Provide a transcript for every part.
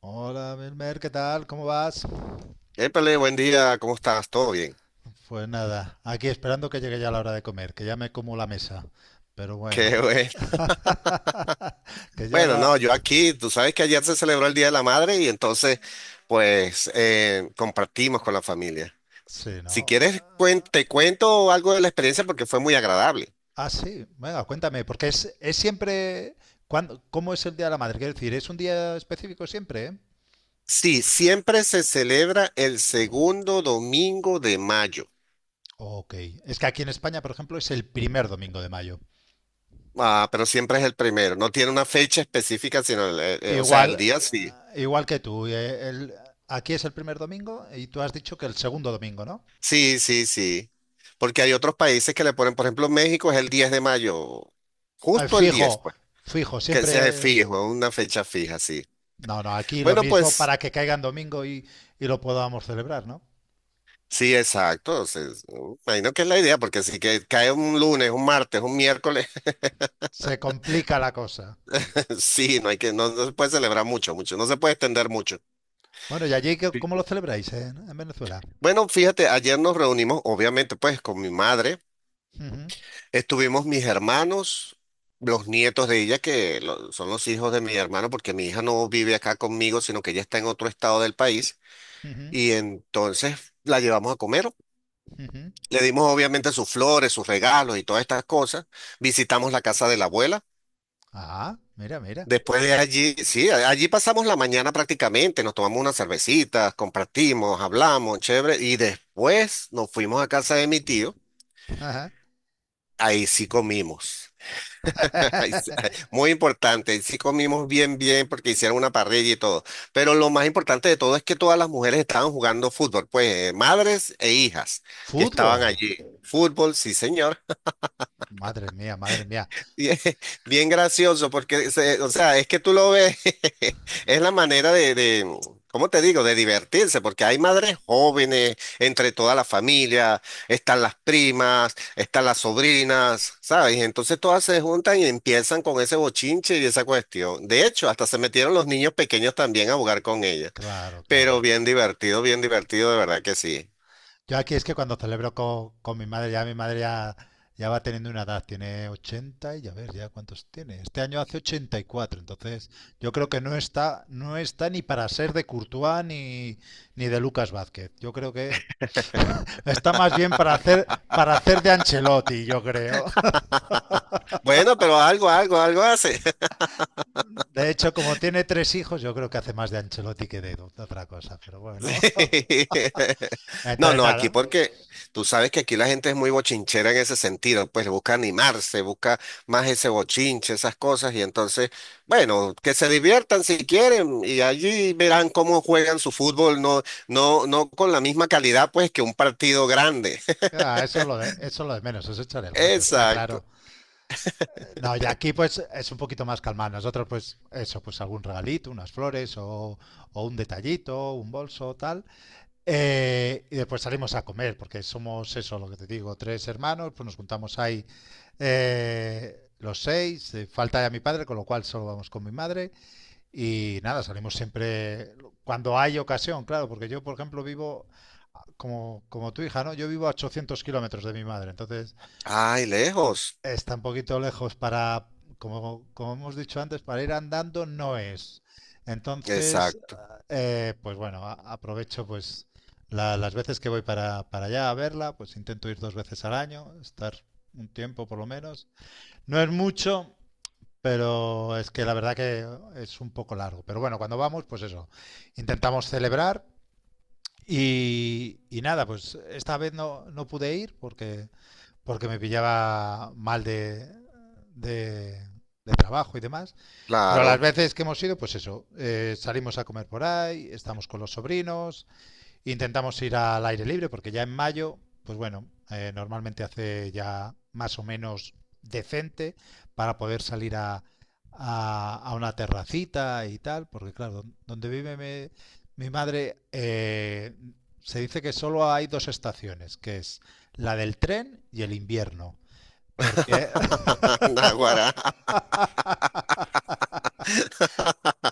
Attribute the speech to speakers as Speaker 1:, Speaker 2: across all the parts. Speaker 1: Hola, Melmer, ¿qué tal? ¿Cómo vas?
Speaker 2: Épale, buen día, ¿cómo estás? ¿Todo bien?
Speaker 1: Pues nada, aquí esperando que llegue ya la hora de comer, que ya me como la mesa. Pero bueno,
Speaker 2: Qué bueno.
Speaker 1: que ya
Speaker 2: Bueno,
Speaker 1: la...
Speaker 2: no, yo aquí, tú sabes que ayer se celebró el Día de la Madre y entonces, pues, compartimos con la familia.
Speaker 1: Sí,
Speaker 2: Si
Speaker 1: ¿no?
Speaker 2: quieres,
Speaker 1: Ah,
Speaker 2: te cuento algo de la experiencia porque fue muy agradable.
Speaker 1: ah, sí, venga, cuéntame, porque es siempre... ¿Cuándo, cómo es el Día de la Madre? Quiero decir, ¿es un día específico siempre? ¿eh?
Speaker 2: Sí, siempre se celebra el segundo domingo de mayo.
Speaker 1: Ok, es que aquí en España, por ejemplo, es el primer domingo de mayo.
Speaker 2: Ah, pero siempre es el primero. No tiene una fecha específica, sino, o sea, el
Speaker 1: Igual,
Speaker 2: día sí.
Speaker 1: igual que tú, aquí es el primer domingo y tú has dicho que el segundo domingo, ¿no?
Speaker 2: Sí. Porque hay otros países que le ponen, por ejemplo, México es el 10 de mayo,
Speaker 1: Al
Speaker 2: justo el 10.
Speaker 1: fijo, fijo,
Speaker 2: Que sea
Speaker 1: siempre...
Speaker 2: fijo, una fecha fija, sí.
Speaker 1: No, no, aquí lo
Speaker 2: Bueno,
Speaker 1: mismo
Speaker 2: pues
Speaker 1: para que caiga en domingo y lo podamos celebrar, ¿no?
Speaker 2: sí, exacto. O sea, imagino que es la idea, porque si que cae un lunes, un martes, un miércoles,
Speaker 1: Se complica la cosa.
Speaker 2: sí, no, no se puede celebrar mucho, mucho, no se puede extender mucho.
Speaker 1: Bueno, ¿y allí
Speaker 2: Sí.
Speaker 1: cómo lo celebráis en Venezuela?
Speaker 2: Bueno, fíjate, ayer nos reunimos, obviamente, pues con mi madre,
Speaker 1: Ujú,
Speaker 2: estuvimos mis hermanos, los nietos de ella, que son los hijos de mi hermano, porque mi hija no vive acá conmigo, sino que ella está en otro estado del país,
Speaker 1: ujú,
Speaker 2: y entonces la llevamos a comer.
Speaker 1: ujú.
Speaker 2: Le dimos obviamente sus flores, sus regalos y todas estas cosas. Visitamos la casa de la abuela.
Speaker 1: Ah, mira, mira.
Speaker 2: Después de allí, sí, allí pasamos la mañana prácticamente, nos tomamos unas cervecitas, compartimos, hablamos, chévere, y después nos fuimos a casa de mi tío,
Speaker 1: Ajá.
Speaker 2: ahí sí comimos. Muy importante, ahí sí comimos bien, bien, porque hicieron una parrilla y todo, pero lo más importante de todo es que todas las mujeres estaban jugando fútbol, pues madres e hijas que estaban
Speaker 1: Fútbol.
Speaker 2: allí, fútbol, sí señor.
Speaker 1: Madre mía, madre mía.
Speaker 2: Bien, bien gracioso, porque, o sea, es que tú lo ves. Es la manera de ¿cómo te digo?, de divertirse, porque hay madres jóvenes entre toda la familia, están las primas, están las sobrinas, ¿sabes? Y entonces todas se juntan y empiezan con ese bochinche y esa cuestión. De hecho, hasta se metieron los niños pequeños también a jugar con ellas,
Speaker 1: Claro, claro.
Speaker 2: pero bien divertido, de verdad que sí.
Speaker 1: Yo aquí es que cuando celebro con mi madre ya, ya va teniendo una edad, tiene 80 y a ver ya cuántos tiene. Este año hace ochenta y cuatro, entonces yo creo que no está, no está ni para ser de Courtois ni, ni de Lucas Vázquez. Yo creo que está más bien para hacer de Ancelotti, yo creo.
Speaker 2: Bueno, pero algo, algo, algo hace.
Speaker 1: De hecho, como tiene tres hijos, yo creo que hace más de Ancelotti que de otra cosa, pero bueno.
Speaker 2: No,
Speaker 1: Entonces
Speaker 2: no, aquí
Speaker 1: nada,
Speaker 2: porque tú sabes que aquí la gente es muy bochinchera en ese sentido, pues busca animarse, busca más ese bochinche, esas cosas, y entonces, bueno, que se diviertan si quieren, y allí verán cómo juegan su fútbol, no, no con la misma calidad, pues, que un partido grande.
Speaker 1: ah, eso es lo de, eso es lo de menos, es echar el rato, está
Speaker 2: Exacto.
Speaker 1: claro. No, y aquí pues es un poquito más calmado. Nosotros pues eso, pues algún regalito, unas flores o un detallito, un bolso, tal. Y después salimos a comer, porque somos eso, lo que te digo, tres hermanos, pues nos juntamos ahí los seis, falta ya mi padre, con lo cual solo vamos con mi madre. Y nada, salimos siempre cuando hay ocasión, claro, porque yo por ejemplo vivo como, como tu hija, ¿no? Yo vivo a 800 kilómetros de mi madre, entonces...
Speaker 2: Ay, lejos.
Speaker 1: Está un poquito lejos para, como, como hemos dicho antes, para ir andando no es. Entonces,
Speaker 2: Exacto.
Speaker 1: pues bueno, aprovecho pues las veces que voy para allá a verla, pues intento ir dos veces al año, estar un tiempo por lo menos. No es mucho, pero es que la verdad que es un poco largo. Pero bueno, cuando vamos, pues eso, intentamos celebrar y nada, pues esta vez no, no pude ir porque me pillaba mal de, de trabajo y demás. Pero a las
Speaker 2: Claro.
Speaker 1: veces que hemos ido, pues eso, salimos a comer por ahí, estamos con los sobrinos. Intentamos ir al aire libre porque ya en mayo, pues bueno, normalmente hace ya más o menos decente para poder salir a una terracita y tal, porque claro, donde vive mi madre se dice que solo hay dos estaciones, que es la del tren y el invierno, porque
Speaker 2: Naguará.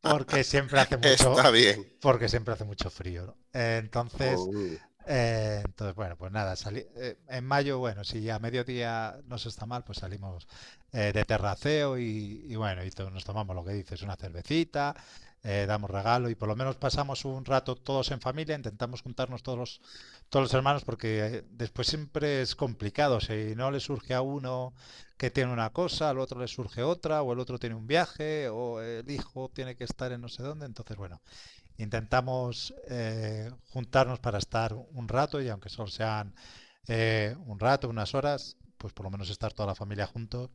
Speaker 1: porque siempre hace mucho,
Speaker 2: Está bien.
Speaker 1: porque siempre hace mucho frío, ¿no? Entonces
Speaker 2: Mm.
Speaker 1: Entonces, bueno, pues nada, salí, en mayo, bueno, si a mediodía no se está mal, pues salimos de terraceo y bueno, y nos tomamos lo que dices, una cervecita, damos regalo y por lo menos pasamos un rato todos en familia, intentamos juntarnos todos los hermanos porque después siempre es complicado, si no le surge a uno que tiene una cosa, al otro le surge otra, o el otro tiene un viaje, o el hijo tiene que estar en no sé dónde, entonces, bueno. Intentamos juntarnos para estar un rato y aunque solo sean un rato, unas horas, pues por lo menos estar toda la familia juntos,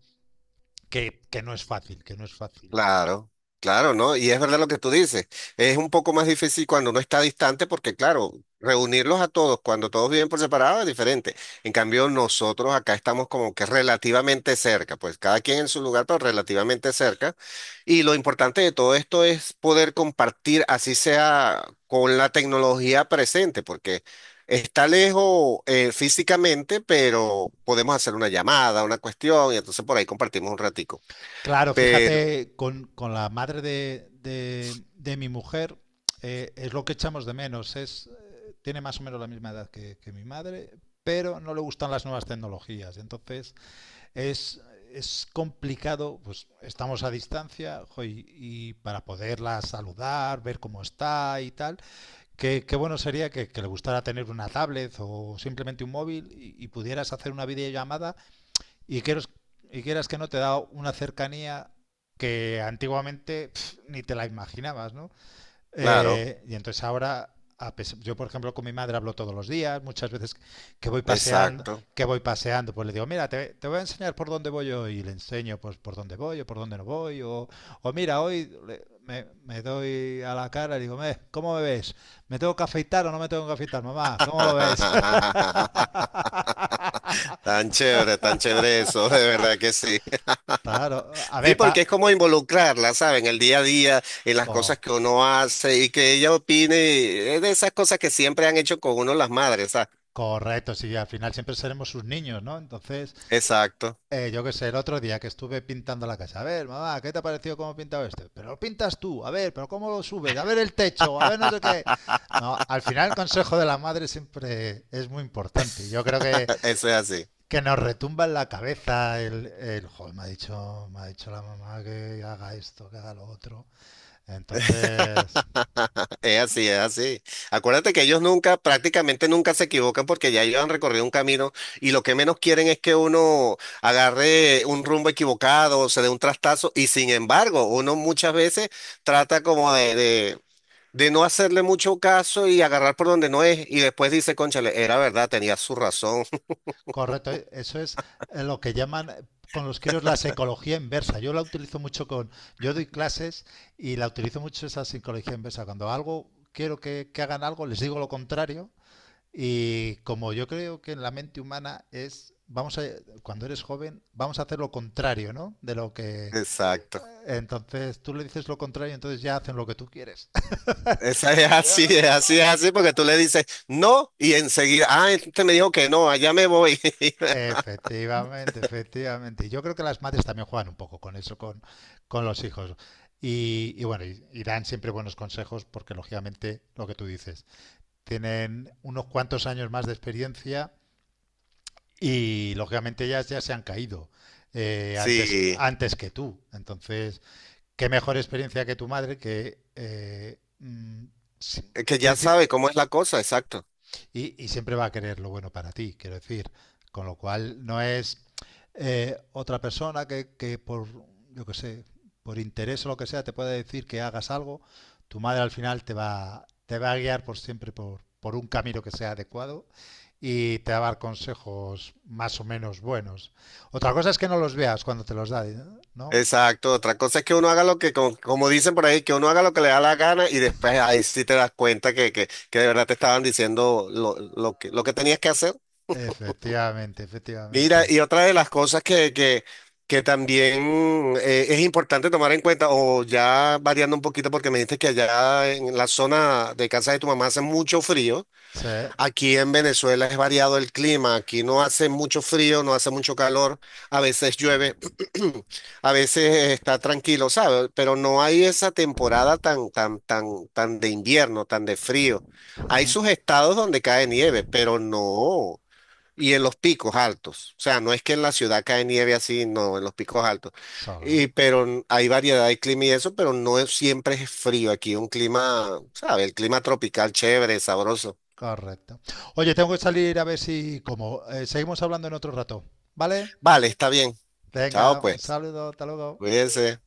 Speaker 1: que no es fácil, que no es fácil.
Speaker 2: Claro, claro, ¿no? Y es verdad lo que tú dices. Es un poco más difícil cuando uno está distante porque, claro, reunirlos a todos cuando todos viven por separado es diferente. En cambio, nosotros acá estamos como que relativamente cerca, pues cada quien en su lugar, pero relativamente cerca. Y lo importante de todo esto es poder compartir, así sea con la tecnología presente, porque está lejos físicamente, pero podemos hacer una llamada, una cuestión, y entonces por ahí compartimos un ratico.
Speaker 1: Claro,
Speaker 2: Pero,
Speaker 1: fíjate, con la madre de mi mujer es lo que echamos de menos, es, tiene más o menos la misma edad que mi madre, pero no le gustan las nuevas tecnologías. Entonces Es, es complicado, pues estamos a distancia jo, y para poderla saludar, ver cómo está y tal, qué, qué bueno sería que le gustara tener una tablet o simplemente un móvil y pudieras hacer una videollamada y quieras, y quieras que no, te da una cercanía que antiguamente pf, ni te la imaginabas, ¿no?
Speaker 2: claro.
Speaker 1: Y entonces ahora, yo por ejemplo con mi madre hablo todos los días, muchas veces que voy paseando,
Speaker 2: Exacto.
Speaker 1: que voy paseando, pues le digo, mira, te voy a enseñar por dónde voy yo y le enseño pues por dónde voy o por dónde no voy o mira, hoy me, me doy a la cara y digo, "Me, ¿cómo me ves? ¿Me tengo que afeitar o no me tengo que afeitar, mamá? ¿Cómo lo ves?"
Speaker 2: Tan chévere eso, de verdad que sí.
Speaker 1: Claro, a
Speaker 2: Sí,
Speaker 1: ver,
Speaker 2: porque
Speaker 1: pa,
Speaker 2: es como involucrarla, ¿saben? El día a día, en las cosas
Speaker 1: co-
Speaker 2: que uno hace y que ella opine, es de esas cosas que siempre han hecho con uno las madres, ¿sabes?
Speaker 1: correcto, sí, al final siempre seremos sus niños, ¿no? Entonces...
Speaker 2: Exacto,
Speaker 1: Yo qué sé, el otro día que estuve pintando la casa. A ver, mamá, ¿qué te ha parecido cómo he pintado este? Pero lo pintas tú, a ver, pero ¿cómo lo subes? A ver el techo, a ver no sé qué. No, al final el consejo de la madre siempre es muy importante. Yo creo
Speaker 2: eso es así.
Speaker 1: que nos retumba en la cabeza el joder, me ha dicho la mamá que haga esto, que haga lo otro. Entonces,
Speaker 2: Es así, es así. Acuérdate que ellos nunca, prácticamente nunca se equivocan porque ya ellos han recorrido un camino y lo que menos quieren es que uno agarre un rumbo equivocado, se dé un trastazo y sin embargo, uno muchas veces trata como de de no hacerle mucho caso y agarrar por donde no es y después dice, cónchale, era verdad, tenía su razón.
Speaker 1: correcto, eso es lo que llaman con los críos la psicología inversa. Yo la utilizo mucho con, yo doy clases y la utilizo mucho esa psicología inversa. Cuando algo quiero que hagan algo, les digo lo contrario y como yo creo que en la mente humana es, vamos a, cuando eres joven, vamos a hacer lo contrario, ¿no? De lo que,
Speaker 2: Exacto.
Speaker 1: entonces tú le dices lo contrario, entonces ya hacen lo que tú quieres.
Speaker 2: Esa es así, es así, es así porque tú le dices no y enseguida, ah, este me dijo que no, allá me voy.
Speaker 1: Efectivamente, efectivamente. Y yo creo que las madres también juegan un poco con eso, con los hijos. Y bueno, y dan siempre buenos consejos porque lógicamente lo que tú dices, tienen unos cuantos años más de experiencia y lógicamente ellas ya se han caído antes,
Speaker 2: Sí.
Speaker 1: antes que tú. Entonces, qué mejor experiencia que tu madre que mm,
Speaker 2: Es que
Speaker 1: en
Speaker 2: ya
Speaker 1: principio.
Speaker 2: sabe cómo es la cosa, exacto.
Speaker 1: Y siempre va a querer lo bueno para ti, quiero decir. Con lo cual no es otra persona que por, yo que sé, por interés o lo que sea, te puede decir que hagas algo. Tu madre al final te va a guiar por siempre por un camino que sea adecuado y te va a dar consejos más o menos buenos. Otra cosa es que no los veas cuando te los da, ¿eh? ¿No?
Speaker 2: Exacto. Otra cosa es que uno haga lo que, como, como dicen por ahí, que uno haga lo que le da la gana y después ahí sí te das cuenta que de verdad te estaban diciendo lo que tenías que hacer.
Speaker 1: Efectivamente,
Speaker 2: Mira,
Speaker 1: efectivamente.
Speaker 2: y otra de las cosas que también es importante tomar en cuenta, o ya variando un poquito, porque me dijiste que allá en la zona de casa de tu mamá hace mucho frío.
Speaker 1: Sí.
Speaker 2: Aquí en Venezuela es variado el clima, aquí no hace mucho frío, no hace mucho calor, a veces llueve, a veces está tranquilo, ¿sabes? Pero no hay esa temporada tan, tan, tan, tan de invierno, tan de frío. Hay sus estados donde cae nieve, pero no, y en los picos altos. O sea, no es que en la ciudad cae nieve así, no, en los picos altos.
Speaker 1: Solo,
Speaker 2: Y,
Speaker 1: ¿no?
Speaker 2: pero hay variedad de clima y eso, pero no es- siempre es frío. Aquí un clima, ¿sabes? El clima tropical chévere, sabroso.
Speaker 1: Correcto. Oye, tengo que salir a ver si como. Seguimos hablando en otro rato, ¿vale?
Speaker 2: Vale, está bien.
Speaker 1: Venga,
Speaker 2: Chao,
Speaker 1: un
Speaker 2: pues.
Speaker 1: saludo, hasta luego.
Speaker 2: Cuídense.